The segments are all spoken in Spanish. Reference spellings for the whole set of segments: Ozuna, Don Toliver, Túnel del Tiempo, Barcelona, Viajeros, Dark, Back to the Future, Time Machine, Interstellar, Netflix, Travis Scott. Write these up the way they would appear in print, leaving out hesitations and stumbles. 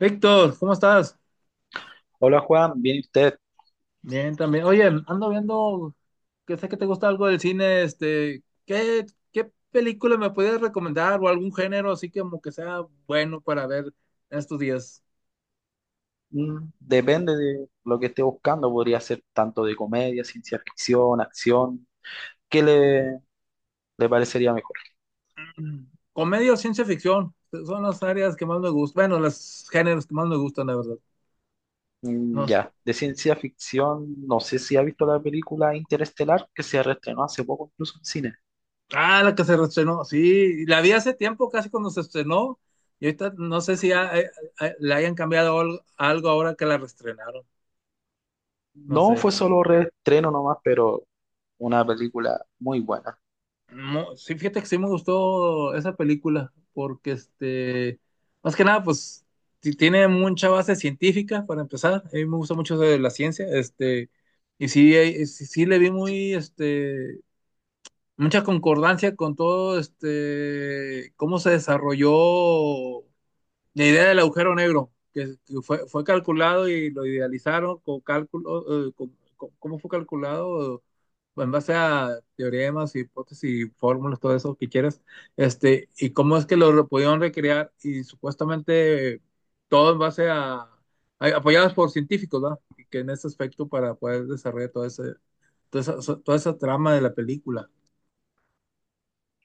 Víctor, ¿cómo estás? Hola Juan, ¿viene usted? Bien, también. Oye, ando viendo que sé que te gusta algo del cine, ¿qué película me puedes recomendar o algún género así que como que sea bueno para ver en estos días? Depende de lo que esté buscando, podría ser tanto de comedia, ciencia ficción, acción. ¿Qué le, ¿Le parecería mejor? Mm, Comedia o ciencia ficción, son las áreas que más me gustan, bueno, los géneros que más me gustan, la verdad. Mm, No sé. ya, de ciencia ficción, no sé si ha visto la película Interestelar, que se reestrenó hace poco incluso en cine. Ah, la que se estrenó, sí, la vi hace tiempo, casi cuando se estrenó, y ahorita no sé si le hayan cambiado algo ahora que la reestrenaron, no No fue sé. solo reestreno nomás, pero una película muy buena. No, sí, fíjate que sí me gustó esa película, porque más que nada, pues tiene mucha base científica para empezar. A mí me gusta mucho eso de la ciencia, y sí, sí le vi muy, mucha concordancia con todo, cómo se desarrolló la idea del agujero negro, que fue calculado y lo idealizaron con cálculo, ¿cómo fue calculado? En base a teoremas, hipótesis, fórmulas, todo eso que quieras, y cómo es que pudieron recrear y supuestamente todo en base a, apoyados por científicos, ¿verdad? Y que en ese aspecto para poder desarrollar toda esa trama de la película.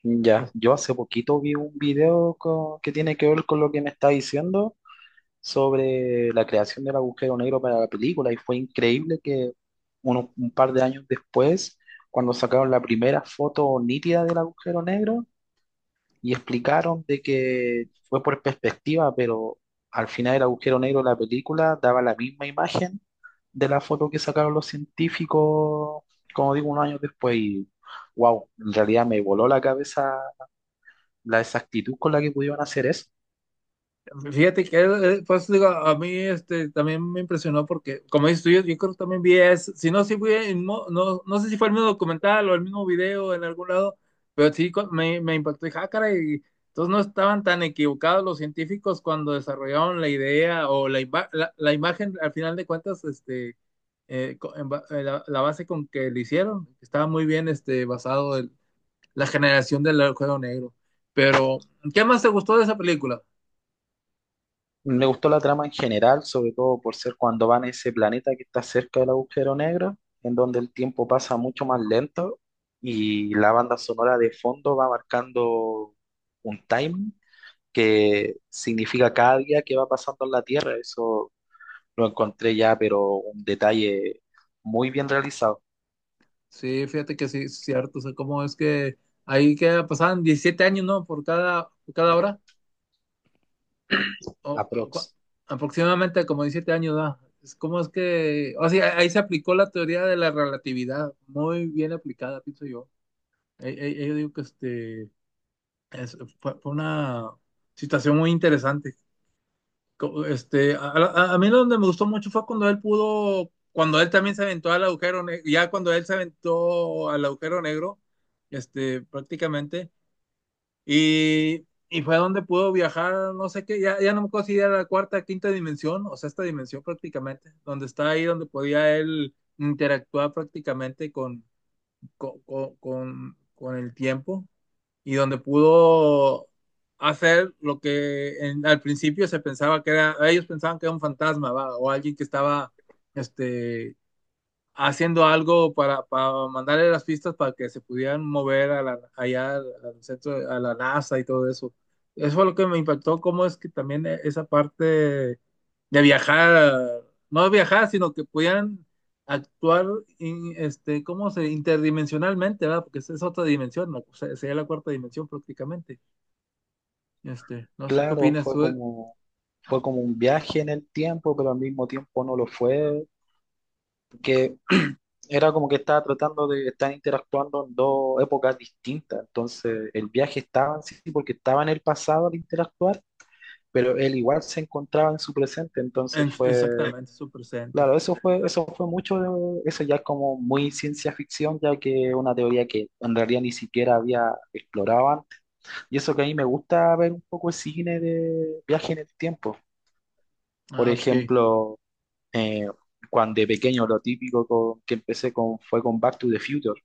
Ya, yo hace poquito vi un video que tiene que ver con lo que me está diciendo sobre la creación del agujero negro para la película y fue increíble que un par de años después, cuando sacaron la primera foto nítida del agujero negro y explicaron de que fue por perspectiva, pero al final el agujero negro de la película daba la misma imagen de la foto que sacaron los científicos, como digo, unos años después y wow, en realidad me voló la cabeza la exactitud con la que pudieron hacer eso. Fíjate que, pues digo, a mí también me impresionó porque, como dices tú, yo creo que también vi, es, si no, si fue no, no sé si fue el mismo documental o el mismo video en algún lado, pero sí me impactó. Dije, ah, caray, entonces no estaban tan equivocados los científicos cuando desarrollaron la idea o la imagen, al final de cuentas, la base con que lo hicieron, estaba muy bien basado en la generación del juego negro. Pero, ¿qué más te gustó de esa película? Me gustó la trama en general, sobre todo por ser cuando van a ese planeta que está cerca del agujero negro, en donde el tiempo pasa mucho más lento y la banda sonora de fondo va marcando un time que significa cada día que va pasando en la Tierra. Eso lo encontré ya, pero un detalle muy bien realizado, Sí, fíjate que sí, es cierto. O sea, cómo es que ahí que pasaban 17 años, ¿no? Por cada hora. O, o cua- aprox. aproximadamente como 17 años, ¿no? Es como es que. O sea, ahí se aplicó la teoría de la relatividad. Muy bien aplicada, pienso yo. Yo digo que fue una situación muy interesante. A mí lo donde me gustó mucho fue cuando él pudo. Cuando él también se aventó al agujero negro. Ya cuando él se aventó al agujero negro, prácticamente. Y, y fue donde pudo viajar, no sé qué, ya no me acuerdo si era la cuarta, quinta dimensión, o sea esta dimensión prácticamente, donde está ahí, donde podía él interactuar prácticamente con el tiempo y donde pudo hacer lo que al principio se pensaba que era, ellos pensaban que era un fantasma, ¿va? O alguien que estaba, este, haciendo algo para mandarle las pistas para que se pudieran mover allá al centro, a la NASA y todo eso. Eso fue lo que me impactó, cómo es que también esa parte de viajar, no viajar, sino que pudieran actuar, ¿cómo se? Interdimensionalmente, ¿verdad? Porque esa es otra dimensión, ¿no? O sea, sería la cuarta dimensión prácticamente. No sé qué Claro, opinas tú fue como un viaje en el tiempo, pero al mismo tiempo no lo fue. Que era como que estaba tratando de estar interactuando en dos épocas distintas. Entonces, el viaje estaba en sí sí, porque estaba en el pasado al interactuar, pero él igual se encontraba en su presente. Entonces fue, exactamente su presente. claro, eso fue mucho de, eso ya es como muy ciencia ficción, ya que es una teoría que en realidad ni siquiera había explorado antes. Y eso que a mí me gusta ver un poco el cine de viaje en el tiempo. Por Ah, ok. ejemplo, eh, cuando de pequeño lo típico que empecé con fue con Back to the Future,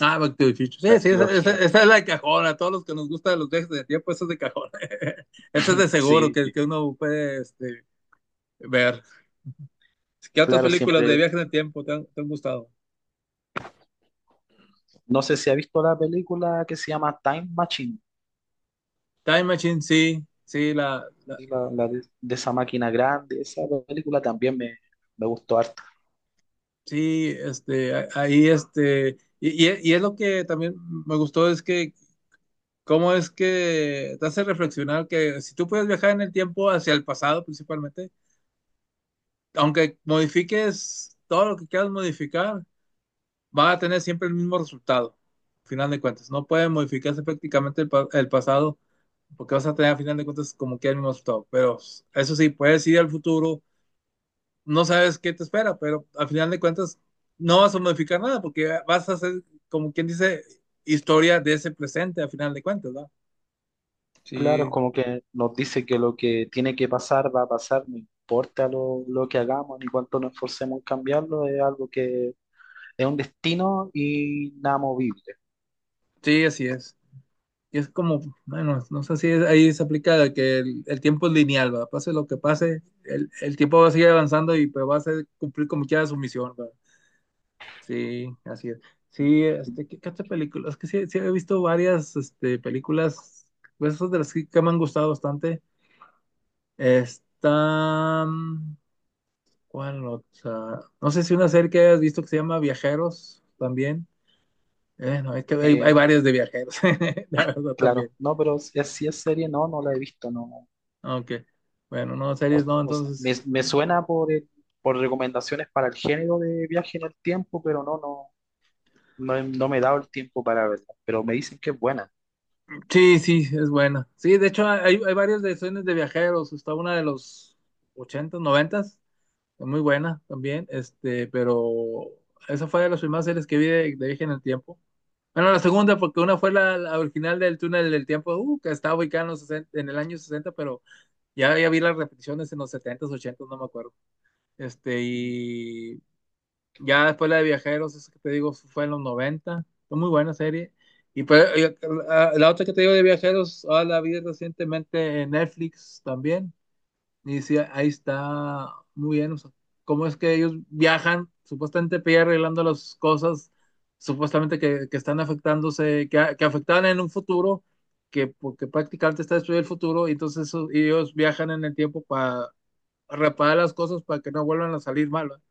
Ah, Back to the Future. la Sí, sí, esa, esa- trilogía. esa es la de cajón. A todos los que nos gustan los viajes de tiempo, esa es de cajón. Esa es de seguro Sí, que, uno puede ver. ¿Qué otras claro, películas de siempre. viajes de tiempo te han gustado? No sé si ha visto la película que se llama Time Machine, Time Machine, sí, sí, sí, la de esa máquina grande, esa película también me gustó harto. sí, ahí, y es lo que también me gustó, es que cómo es que te hace reflexionar que si tú puedes viajar en el tiempo hacia el pasado principalmente, aunque modifiques todo lo que quieras modificar, va a tener siempre el mismo resultado, al final de cuentas. No puede modificarse prácticamente el pasado, porque vas a tener a final de cuentas como que el mismo resultado. Pero eso sí, puedes ir al futuro, no sabes qué te espera, pero al final de cuentas no vas a modificar nada, porque vas a hacer, como quien dice, historia de ese presente al final de cuentas, ¿verdad? Claro, es Sí, como que nos dice que lo que tiene que pasar va a pasar, no importa lo que hagamos ni cuánto nos esforcemos en cambiarlo, es algo que es un destino inamovible. sí, así es. Y es como, bueno, no sé si ahí se aplica de que el tiempo es lineal, ¿verdad? Pase lo que pase, el tiempo va a seguir avanzando y pues cumplir como quiera su misión, ¿verdad? Sí, así es. Sí, ¿qué otra película? Es que sí, sí he visto varias, películas, pues, esas de las que, me han gustado bastante. Está, ¿cuál otra? No sé si una serie que hayas visto que se llama Viajeros también. No, es que hay Eh, varias de viajeros, la verdad también. claro, no, pero si así es serie, no, no la he visto. No, Aunque, bueno, no, O, series no, o sea, entonces. me suena por recomendaciones para el género de viaje en el tiempo, pero no, no, no, no me he dado el tiempo para verla. Pero me dicen que es buena. Sí, sí, es buena. Sí, de hecho hay varias de series de viajeros. Está una de los ochentas, noventas. Muy buena también, pero esa fue de las primeras series que vi de Viaje en el Tiempo. Bueno, la segunda, porque una fue la original del Túnel del Tiempo, que estaba ubicada los 60 en el año sesenta, pero ya vi las repeticiones en los 70s, no me acuerdo. Y ya después la de Viajeros, eso que te digo, fue en los noventa, fue muy buena serie. Y pues, la otra que te digo de Viajeros, ah, la vi recientemente en Netflix también, y sí, ahí está muy bien. O sea, cómo es que ellos viajan, supuestamente para ir arreglando las cosas, supuestamente que están afectándose, que afectaban en un futuro, que porque prácticamente está destruido el futuro, y entonces ellos viajan en el tiempo para reparar las cosas para que no vuelvan a salir mal. ¿Va?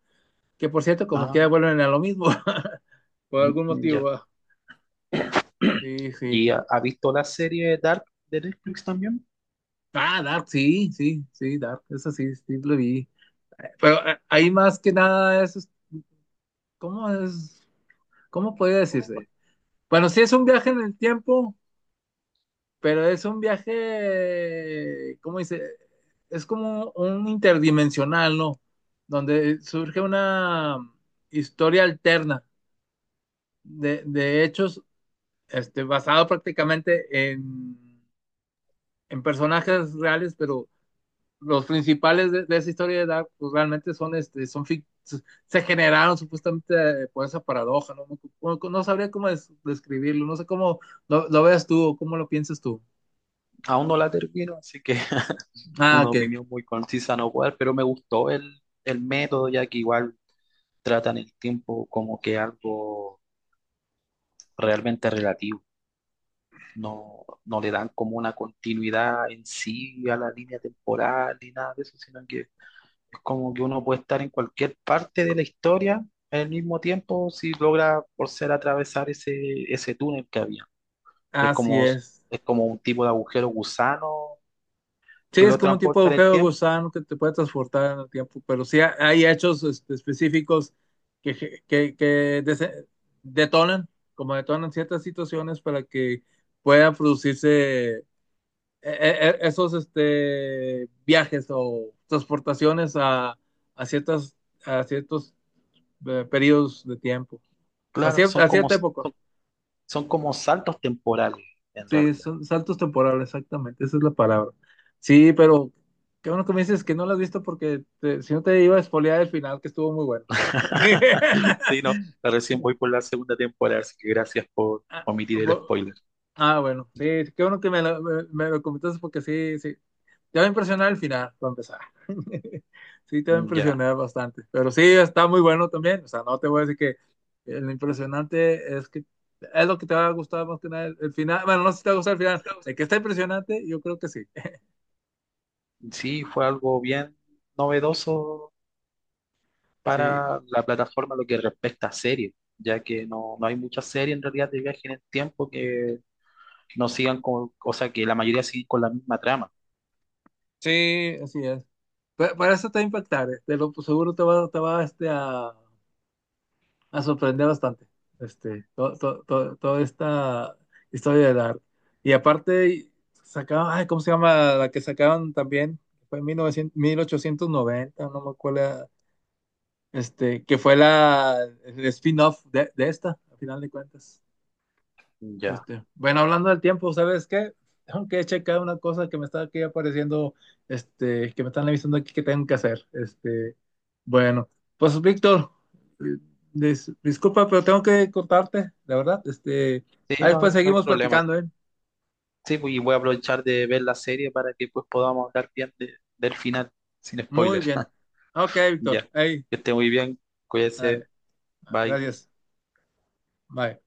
Que por cierto, como quiera Ah, vuelven a lo mismo, por algún mm, motivo. ya. ¿Va? Sí, sí. ¿Y ha, ha visto la serie Dark de Netflix también? Ah, Dark, sí, sí, sí, Dark, eso sí, sí lo vi. Pero ahí más que nada es, ¿cómo es? ¿Cómo podría decirse? Bueno, sí es un viaje en el tiempo, pero es un viaje, ¿cómo dice? Es como un interdimensional, ¿no? Donde surge una historia alterna de hechos, basado prácticamente en personajes reales, pero los principales esa historia de Dark, pues realmente son, se generaron supuestamente por esa paradoja, ¿no? No, no sabría cómo describirlo, no sé cómo lo veas tú o cómo lo piensas tú. Aún no la termino, así que Ah, una ok, opinión muy concisa no puedo dar, pero me gustó el método, ya que igual tratan el tiempo como que algo realmente relativo. No, no le dan como una continuidad en sí a la línea temporal ni nada de eso, sino que es como que uno puede estar en cualquier parte de la historia al mismo tiempo si logra por ser atravesar ese, ese túnel que había. Es así como, es. es como un tipo de agujero gusano Sí, que es lo como un tipo de transporta en el agujero de tiempo. gusano que te puede transportar en el tiempo, pero sí hay hechos específicos que detonan, como detonan ciertas situaciones para que pueda producirse esos viajes o transportaciones a ciertas, a ciertos periodos de tiempo, a, Claro, a cierta época. son como saltos temporales en Sí, realidad. son saltos temporales, exactamente, esa es la palabra. Sí, pero qué bueno que me dices que no lo has visto porque si no te iba a espolear el final, que estuvo muy bueno. Sí, no, recién voy por la segunda temporada, así que gracias por Ah, omitir el spoiler. Bueno, sí, qué bueno que me lo, me lo comentaste porque sí, sí. Te va a impresionar al final, para empezar. Sí, te va a Ya. impresionar bastante. Pero sí, está muy bueno también. O sea, no te voy a decir que lo impresionante es que es lo que te va a gustar más que nada el final. Bueno, no sé si te va a gustar el final. De que está impresionante, yo creo que sí. Sí, fue algo bien novedoso Sí, para la plataforma lo que respecta a series, ya que no, no hay muchas series en realidad de viaje en el tiempo que no sigan con, o sea, que la mayoría sigue con la misma trama. sí, así es. Pero eso te va a impactar. Te lo seguro te va a. Me sorprendió bastante toda esta historia del arte. Y aparte, sacaban, ay, ¿cómo se llama? La que sacaban también, fue en 1900, 1890, no me acuerdo, que fue el spin-off de esta, al final de cuentas. Ya. Bueno, hablando del tiempo, ¿sabes qué? Tengo que checar una cosa que me está aquí apareciendo, que me están avisando aquí que tengo que hacer. Bueno, pues Víctor, eh, disculpa, pero tengo que contarte, la verdad. Sí, Ahí no, después no hay seguimos problema. platicando, ¿eh? Sí, pues, y voy a aprovechar de ver la serie para que pues podamos hablar bien del final, sin Muy spoilers. bien. Ok, Víctor. Ya. Ahí, Que esté muy bien, cuídese, ándale. bye. Gracias. Bye.